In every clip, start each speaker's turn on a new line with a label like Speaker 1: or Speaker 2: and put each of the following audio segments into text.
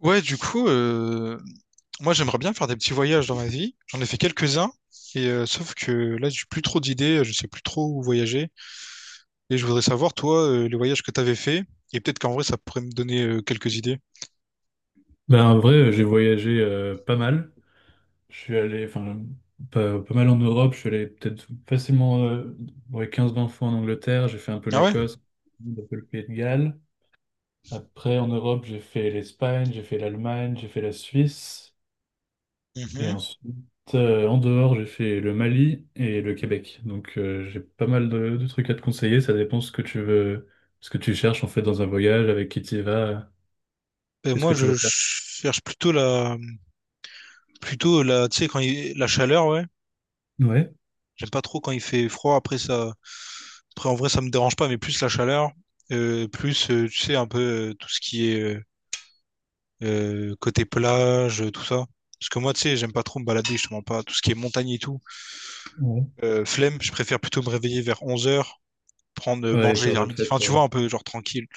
Speaker 1: Ouais, du coup, moi j'aimerais bien faire des petits voyages dans ma vie. J'en ai fait quelques-uns, sauf que là j'ai plus trop d'idées, je sais plus trop où voyager. Et je voudrais savoir, toi, les voyages que t'avais fait, et peut-être qu'en vrai ça pourrait me donner quelques idées.
Speaker 2: Ben, en vrai, j'ai voyagé pas mal. Je suis allé, enfin, pas mal en Europe. Je suis allé peut-être facilement ouais, 15-20 fois en Angleterre. J'ai fait un peu
Speaker 1: Ah ouais?
Speaker 2: l'Écosse, un peu le Pays de Galles. Après, en Europe, j'ai fait l'Espagne, j'ai fait l'Allemagne, j'ai fait la Suisse. Et
Speaker 1: Mhm.
Speaker 2: ensuite, en dehors, j'ai fait le Mali et le Québec. Donc, j'ai pas mal de trucs à te conseiller. Ça dépend ce que tu veux, ce que tu cherches en fait dans un voyage, avec qui tu y vas,
Speaker 1: Ben,
Speaker 2: qu'est-ce
Speaker 1: moi
Speaker 2: que tu
Speaker 1: je
Speaker 2: veux faire.
Speaker 1: cherche plutôt la, tu sais, quand il… la chaleur, ouais.
Speaker 2: Ouais,
Speaker 1: J'aime pas trop quand il fait froid. Après ça, après en vrai ça me dérange pas, mais plus la chaleur, plus tu sais un peu tout ce qui est côté plage, tout ça. Parce que moi, tu sais, j'aime pas trop me balader, je te mens pas. Tout ce qui est montagne et tout,
Speaker 2: ouais.
Speaker 1: flemme, je préfère plutôt me réveiller vers 11 heures prendre,
Speaker 2: Ouais,
Speaker 1: manger
Speaker 2: faire
Speaker 1: vers
Speaker 2: la
Speaker 1: midi.
Speaker 2: fête.
Speaker 1: Enfin, tu vois, un peu genre tranquille.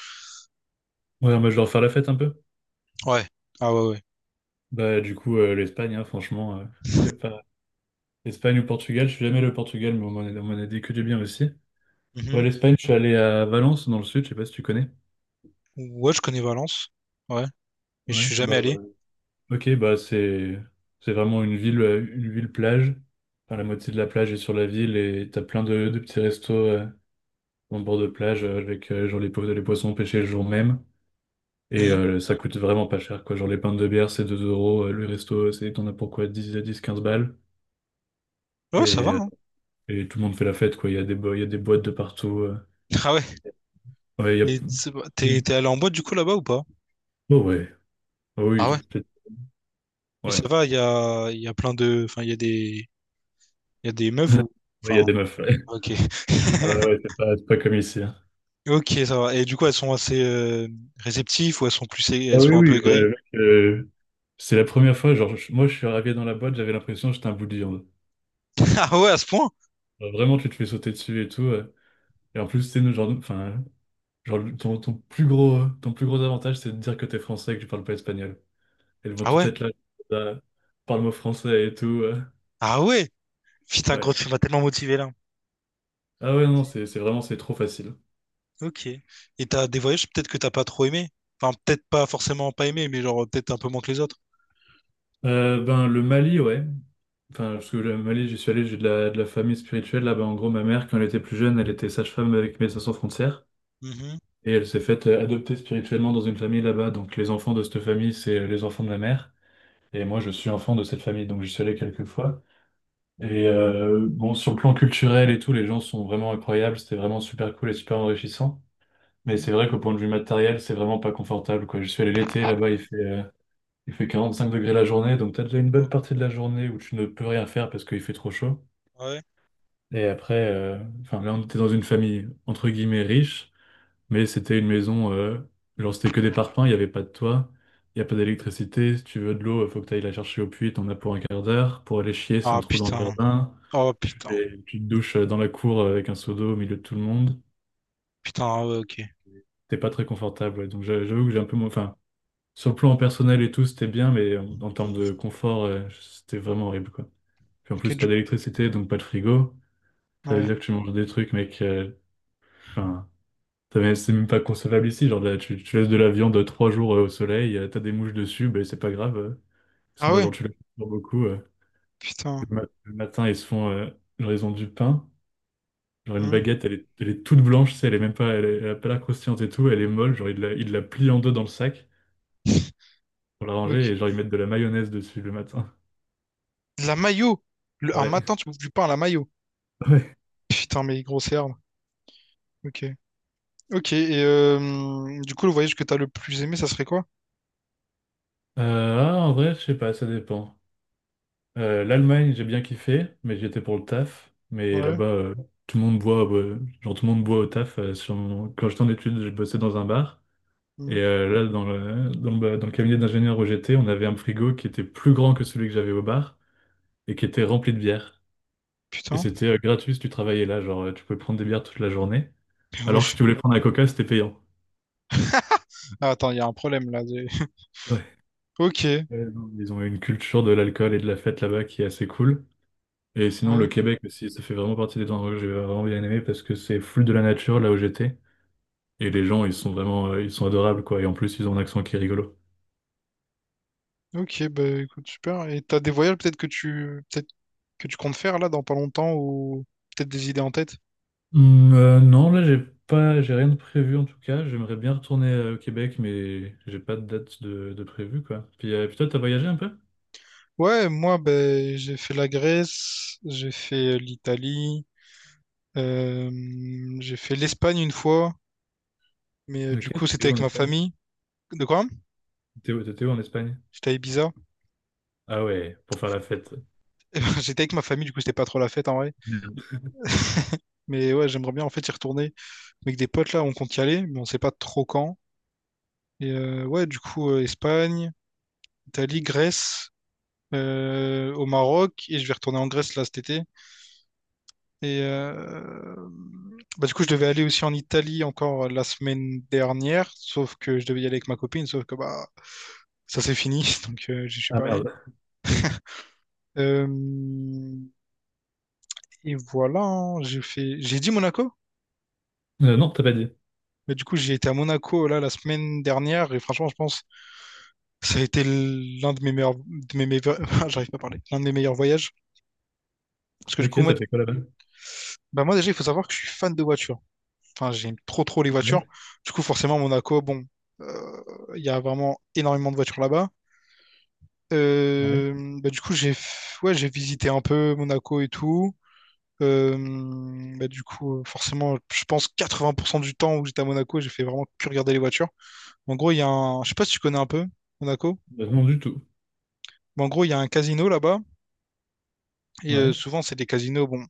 Speaker 2: Ouais, moi, je vais leur faire la fête un peu.
Speaker 1: Ouais. Ah ouais, ouais.
Speaker 2: Bah, du coup, l'Espagne, hein, franchement, il y a pas. Espagne ou Portugal, je suis jamais allé au Portugal, mais bon, on m'en a dit que du bien aussi. Ouais,
Speaker 1: Mhm.
Speaker 2: l'Espagne, je suis allé à Valence, dans le sud, je sais pas si tu connais.
Speaker 1: Ouais, je connais Valence. Ouais. Mais je
Speaker 2: Ouais,
Speaker 1: suis jamais
Speaker 2: bah
Speaker 1: allé.
Speaker 2: voilà. Ok, bah c'est vraiment une ville plage. Enfin, la moitié de la plage est sur la ville et t'as plein de petits restos en bord de plage avec genre les, les poissons pêchés le jour même. Et
Speaker 1: Mhm.
Speaker 2: ça coûte vraiment pas cher, quoi. Genre les pintes de bière, c'est 2 euros. Le resto, c'est t'en as pourquoi 10, 10 15 balles.
Speaker 1: Ouais, ça va,
Speaker 2: Et
Speaker 1: hein.
Speaker 2: Et tout le monde fait la fête, quoi. Il y a des, il y a des boîtes de partout.
Speaker 1: Ah ouais.
Speaker 2: Ouais, il y a...
Speaker 1: Et
Speaker 2: il y a-
Speaker 1: t'es allé en boîte du coup là-bas ou pas?
Speaker 2: Oh ouais. Oh oui,
Speaker 1: Ah ouais.
Speaker 2: peut-être.
Speaker 1: Et
Speaker 2: Ouais.
Speaker 1: ça va, il y a plein de. Enfin, il y a des. Il y a des meufs ou.
Speaker 2: Ouais, il y a
Speaker 1: Enfin,
Speaker 2: des meufs. Ouais.
Speaker 1: ok.
Speaker 2: Ah ouais, c'est pas comme ici, hein.
Speaker 1: Ok, ça va. Et du coup, elles sont assez réceptives ou elles sont plus,
Speaker 2: Ah
Speaker 1: elles
Speaker 2: oui,
Speaker 1: sont un peu
Speaker 2: oui, bah,
Speaker 1: aigries?
Speaker 2: mec, c'est la première fois, genre, moi je suis arrivé dans la boîte, j'avais l'impression que j'étais un bout de viande.
Speaker 1: Ah ouais, à ce point?
Speaker 2: Genre, vraiment, tu te fais sauter dessus et tout. Et en plus, c'est nous, genre, enfin, genre, ton plus gros avantage, c'est de dire que t'es français et que tu parles pas espagnol. Elles vont
Speaker 1: Ah
Speaker 2: tout
Speaker 1: ouais?
Speaker 2: être là, là, parle-moi français et tout.
Speaker 1: Ah ouais? Putain, gros,
Speaker 2: Ouais.
Speaker 1: tu m'as tellement motivé là.
Speaker 2: Ah ouais, non, c'est vraiment, c'est trop facile.
Speaker 1: Ok. Et t'as des voyages peut-être que t'as pas trop aimé? Enfin, peut-être pas forcément pas aimé, mais genre peut-être un peu moins que les autres.
Speaker 2: Ben, le Mali, ouais. Enfin, parce que le Mali, j'y suis allé, j'ai de la famille spirituelle. Là, ben, en gros, ma mère, quand elle était plus jeune, elle était sage-femme avec Médecins Sans Frontières.
Speaker 1: Mhm,
Speaker 2: Et elle s'est faite adopter spirituellement dans une famille là-bas. Donc, les enfants de cette famille, c'est les enfants de ma mère. Et moi, je suis enfant de cette famille, donc j'y suis allé quelques fois. Et bon, sur le plan culturel et tout, les gens sont vraiment incroyables. C'était vraiment super cool et super enrichissant. Mais
Speaker 1: mhm.
Speaker 2: c'est vrai qu'au point de vue matériel, c'est vraiment pas confortable, quoi. Je suis allé l'été, là-bas, il fait 45 degrés la journée, donc t'as déjà une bonne partie de la journée où tu ne peux rien faire parce qu'il fait trop chaud.
Speaker 1: Ouais.
Speaker 2: Et après, enfin là, on était dans une famille entre guillemets riche, mais c'était une maison, genre c'était que des parpaings, il n'y avait pas de toit, il n'y a pas d'électricité. Si tu veux de l'eau, il faut que tu ailles la chercher au puits, t'en as pour un quart d'heure. Pour aller chier, c'est un
Speaker 1: Ah
Speaker 2: trou dans le
Speaker 1: putain.
Speaker 2: jardin.
Speaker 1: Oh
Speaker 2: Tu
Speaker 1: putain.
Speaker 2: fais une petite douche dans la cour avec un seau d'eau au milieu de tout le monde.
Speaker 1: Putain, ah ouais, ok.
Speaker 2: T'es pas très confortable, ouais. Donc j'avoue que j'ai un peu moins. Enfin, sur le plan personnel et tout, c'était bien, mais en termes de confort, c'était vraiment horrible, quoi. Puis en
Speaker 1: Ok,
Speaker 2: plus, pas
Speaker 1: du
Speaker 2: d'électricité, donc pas de frigo. Ça veut
Speaker 1: ouais.
Speaker 2: dire que tu manges des trucs, mec. Enfin, c'est même pas concevable ici. Genre, là, tu laisses de la viande trois jours au soleil, t'as des mouches dessus, ben c'est pas grave. Ils sont
Speaker 1: Ah
Speaker 2: là,
Speaker 1: ouais,
Speaker 2: genre, tu les coupes beaucoup.
Speaker 1: putain.
Speaker 2: Le, le matin, ils se font, genre, ils ont du pain. Genre, une
Speaker 1: Hmm.
Speaker 2: baguette, elle est toute blanche, tu sais, elle est même pas, elle, elle a pas l'air croustillante et tout, elle est molle. Genre, ils la plient en deux dans le sac pour la ranger
Speaker 1: Ok.
Speaker 2: et genre, ils mettent de la mayonnaise dessus le matin.
Speaker 1: De la mayo. Un
Speaker 2: Ouais.
Speaker 1: matin, tu bouffes du pain à la mayo. Putain, mais grosse herbe. Ok. Ok, et du coup, le voyage que t'as le plus aimé, ça serait quoi?
Speaker 2: En vrai, je sais pas, ça dépend. l'Allemagne, j'ai bien kiffé, mais j'y étais pour le taf. Mais
Speaker 1: Ouais.
Speaker 2: là-bas, tout le monde boit, genre tout le monde boit au taf. Quand j'étais en études, je bossais dans un bar.
Speaker 1: Hmm.
Speaker 2: Et là, dans le cabinet d'ingénieur où j'étais, on avait un frigo qui était plus grand que celui que j'avais au bar et qui était rempli de bière. Et
Speaker 1: Putain.
Speaker 2: c'était gratuit si tu travaillais là, genre tu pouvais prendre des bières toute la journée.
Speaker 1: Mais
Speaker 2: Alors que
Speaker 1: wesh.
Speaker 2: si tu voulais prendre la coca, c'était payant.
Speaker 1: Ah, attends, il y a un problème là.
Speaker 2: Ouais.
Speaker 1: Ok.
Speaker 2: Non, ils ont une culture de l'alcool et de la fête là-bas qui est assez cool. Et sinon,
Speaker 1: Ouais.
Speaker 2: le Québec aussi, ça fait vraiment partie des endroits que j'ai vraiment bien aimé parce que c'est full de la nature là où j'étais. Et les gens, ils sont vraiment, ils sont adorables quoi. Et en plus, ils ont un accent qui est rigolo.
Speaker 1: Ok, bah écoute, super. Et t'as des voyages peut-être que tu comptes faire là dans pas longtemps ou peut-être des idées en tête?
Speaker 2: Non, là, j'ai rien de prévu en tout cas. J'aimerais bien retourner au Québec, mais j'ai pas de date de prévu quoi. Puis, puis toi, t'as voyagé un peu?
Speaker 1: Ouais, moi, ben j'ai fait la Grèce, j'ai fait l'Italie, euh, j'ai fait l'Espagne une fois. Mais
Speaker 2: Ok,
Speaker 1: du coup,
Speaker 2: t'étais
Speaker 1: c'était
Speaker 2: où
Speaker 1: avec
Speaker 2: en
Speaker 1: ma
Speaker 2: Espagne?
Speaker 1: famille. De quoi?
Speaker 2: T'étais où en Espagne?
Speaker 1: J'étais à Ibiza.
Speaker 2: Ah ouais, pour faire la fête.
Speaker 1: J'étais avec ma famille, du coup, c'était pas trop la fête en vrai.
Speaker 2: Merde.
Speaker 1: Mais ouais, j'aimerais bien en fait y retourner. Avec des potes là, on compte y aller, mais on sait pas trop quand. Et Espagne, Italie, Grèce, au Maroc. Et je vais retourner en Grèce là cet été. Et bah, du coup, je devais aller aussi en Italie encore la semaine dernière. Sauf que je devais y aller avec ma copine, sauf que bah, ça c'est fini. Donc, je suis
Speaker 2: Ah
Speaker 1: pas allé.
Speaker 2: merde.
Speaker 1: Euh, Et voilà, hein, j'ai fait… J'ai dit Monaco?
Speaker 2: Non, t'as pas dit.
Speaker 1: Mais du coup, j'ai été à Monaco là la semaine dernière et franchement, je pense que ça a été l'un de mes meilleurs, j'arrive pas à parler, l'un de mes meilleurs voyages. Parce que du coup,
Speaker 2: Ok, t'as fait quoi là-bas?
Speaker 1: bah, moi déjà, il faut savoir que je suis fan de voitures. Enfin, j'aime trop trop les voitures.
Speaker 2: Ouais,
Speaker 1: Du coup, forcément, Monaco, bon, euh, il y a vraiment énormément de voitures là-bas.
Speaker 2: ouais.
Speaker 1: Bah, du coup, ouais, j'ai visité un peu Monaco et tout. Euh, bah, du coup, forcément, je pense 80% du temps où j'étais à Monaco, j'ai fait vraiment que regarder les voitures. En gros, il y a un, je sais pas si tu connais un peu Monaco.
Speaker 2: Non, du tout.
Speaker 1: Mais en gros, il y a un casino là-bas, et
Speaker 2: Ouais,
Speaker 1: souvent, c'est des casinos bon,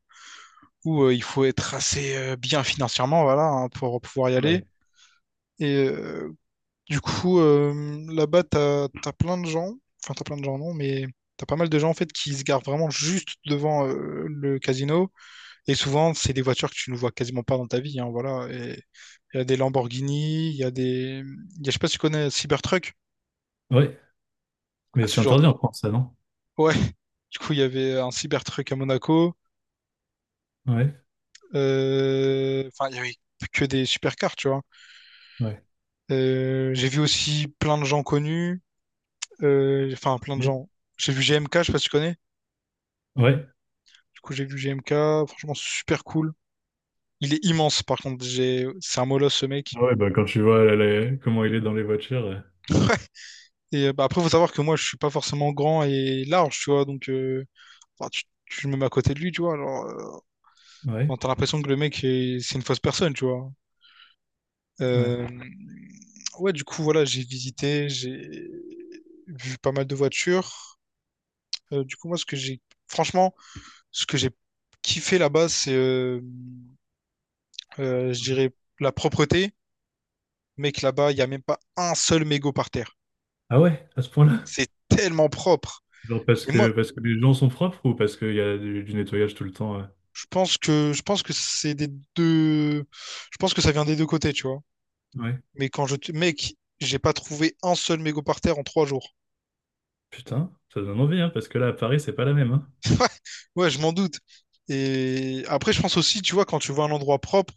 Speaker 1: où il faut être assez bien financièrement voilà, hein, pour pouvoir y aller.
Speaker 2: ouais.
Speaker 1: Et du coup, là-bas, t'as plein de gens, enfin, t'as plein de gens, non, mais t'as pas mal de gens en fait qui se garent vraiment juste devant le casino. Et souvent, c'est des voitures que tu ne vois quasiment pas dans ta vie, hein, voilà. Et il y a des Lamborghini, il y a des. Il Y a, je sais pas si tu connais Cybertruck.
Speaker 2: Ouais, mais
Speaker 1: Bah, ce
Speaker 2: c'est
Speaker 1: genre
Speaker 2: interdit en France, ça, non?
Speaker 1: Ouais, du coup, il y avait un Cybertruck à Monaco.
Speaker 2: Ouais,
Speaker 1: Enfin, il y avait que des supercars, tu vois.
Speaker 2: ouais,
Speaker 1: J'ai vu aussi plein de gens connus. Enfin, plein de
Speaker 2: yeah,
Speaker 1: gens. J'ai vu GMK je sais pas si tu connais.
Speaker 2: ouais.
Speaker 1: Du coup, j'ai vu G M K. Franchement, super cool. Il est immense, par contre. J'ai… C'est un molosse, ce mec.
Speaker 2: Ah ouais, bah quand tu vois comment il est dans les voitures,
Speaker 1: Et bah, après, faut savoir que moi, je suis pas forcément grand et large, tu vois. Donc, enfin, tu me mets à côté de lui, tu vois. Alors, enfin,
Speaker 2: ouais,
Speaker 1: t'as l'impression que c'est une fausse personne, tu vois.
Speaker 2: ouais.
Speaker 1: Euh, Ouais, du coup, voilà, j'ai visité, j'ai vu pas mal de voitures. Du coup, moi, franchement, ce que j'ai kiffé là-bas, c'est, je dirais, la propreté. Mec, là-bas, il n'y a même pas un seul mégot par terre.
Speaker 2: Ah ouais, à ce point-là?
Speaker 1: C'est tellement propre.
Speaker 2: Genre parce
Speaker 1: Et moi,
Speaker 2: que parce que les gens sont propres ou parce qu'il y a du nettoyage tout le temps?
Speaker 1: je pense que c'est des deux, je pense que ça vient des deux côtés, tu vois.
Speaker 2: Ouais.
Speaker 1: Mais mec, j'ai pas trouvé un seul mégot par terre en 3 jours.
Speaker 2: Putain, ça donne envie, hein, parce que là à Paris c'est pas la même, hein.
Speaker 1: Ouais, ouais, je m'en doute. Et après, je pense aussi, tu vois, quand tu vois un endroit propre,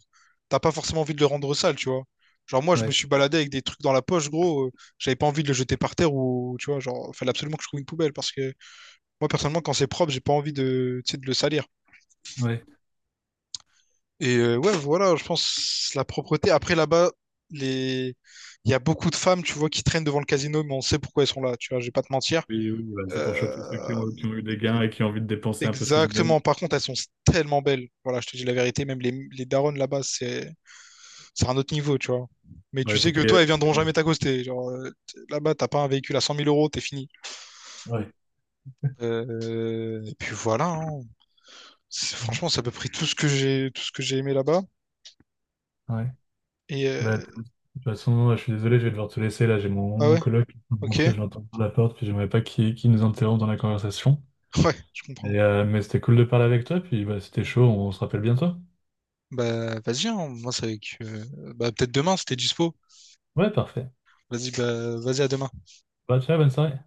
Speaker 1: t'as pas forcément envie de le rendre sale, tu vois. Genre, moi, je me
Speaker 2: Ouais,
Speaker 1: suis baladé avec des trucs dans la poche, gros. J'avais pas envie de le jeter par terre ou, tu vois, genre, fallait absolument que je trouve une poubelle parce que moi, personnellement, quand c'est propre, j'ai pas envie de, tu sais, de le salir.
Speaker 2: ouais.
Speaker 1: Et ouais, voilà, je pense la propreté. Après, là-bas, les… il y a beaucoup de femmes, tu vois, qui traînent devant le casino, mais on sait pourquoi elles sont là, tu vois, je vais pas te mentir.
Speaker 2: Oui, oui, bah, c'est pour
Speaker 1: Euh,
Speaker 2: choper ceux qui ont eu des gains et qui ont envie de dépenser un peu ce qu'ils ont
Speaker 1: Exactement.
Speaker 2: gagné.
Speaker 1: Par contre, elles sont tellement belles. Voilà, je te dis la vérité. Même les daronnes là-bas, c'est un autre niveau, tu vois. Mais
Speaker 2: Ouais,
Speaker 1: tu
Speaker 2: il faut
Speaker 1: sais que
Speaker 2: pas y
Speaker 1: toi, elles
Speaker 2: aller.
Speaker 1: viendront jamais t'accoster. Genre, là-bas, t'as pas un véhicule à 100 000 euros, t'es fini.
Speaker 2: Ouais.
Speaker 1: Et puis voilà, hein.
Speaker 2: Mhm.
Speaker 1: Franchement, c'est à peu près tout ce que j'ai aimé là-bas.
Speaker 2: Ouais.
Speaker 1: Et
Speaker 2: Bah, de toute façon, je suis désolé, je vais devoir te laisser. Là, j'ai mon,
Speaker 1: ah
Speaker 2: mon
Speaker 1: ouais,
Speaker 2: coloc qui est en train de
Speaker 1: ok,
Speaker 2: rentrer, je l'entends par la porte, puis j'aimerais pas qu'il nous interrompe dans la conversation.
Speaker 1: ouais, je comprends.
Speaker 2: Et, mais c'était cool de parler avec toi, puis bah, c'était chaud, on se rappelle bientôt.
Speaker 1: Bah vas-y, hein. Moi c'est avec. Bah peut-être demain, c'était dispo.
Speaker 2: Ouais, parfait.
Speaker 1: Vas-y, bah vas-y à demain.
Speaker 2: Bah, ciao, bonne soirée.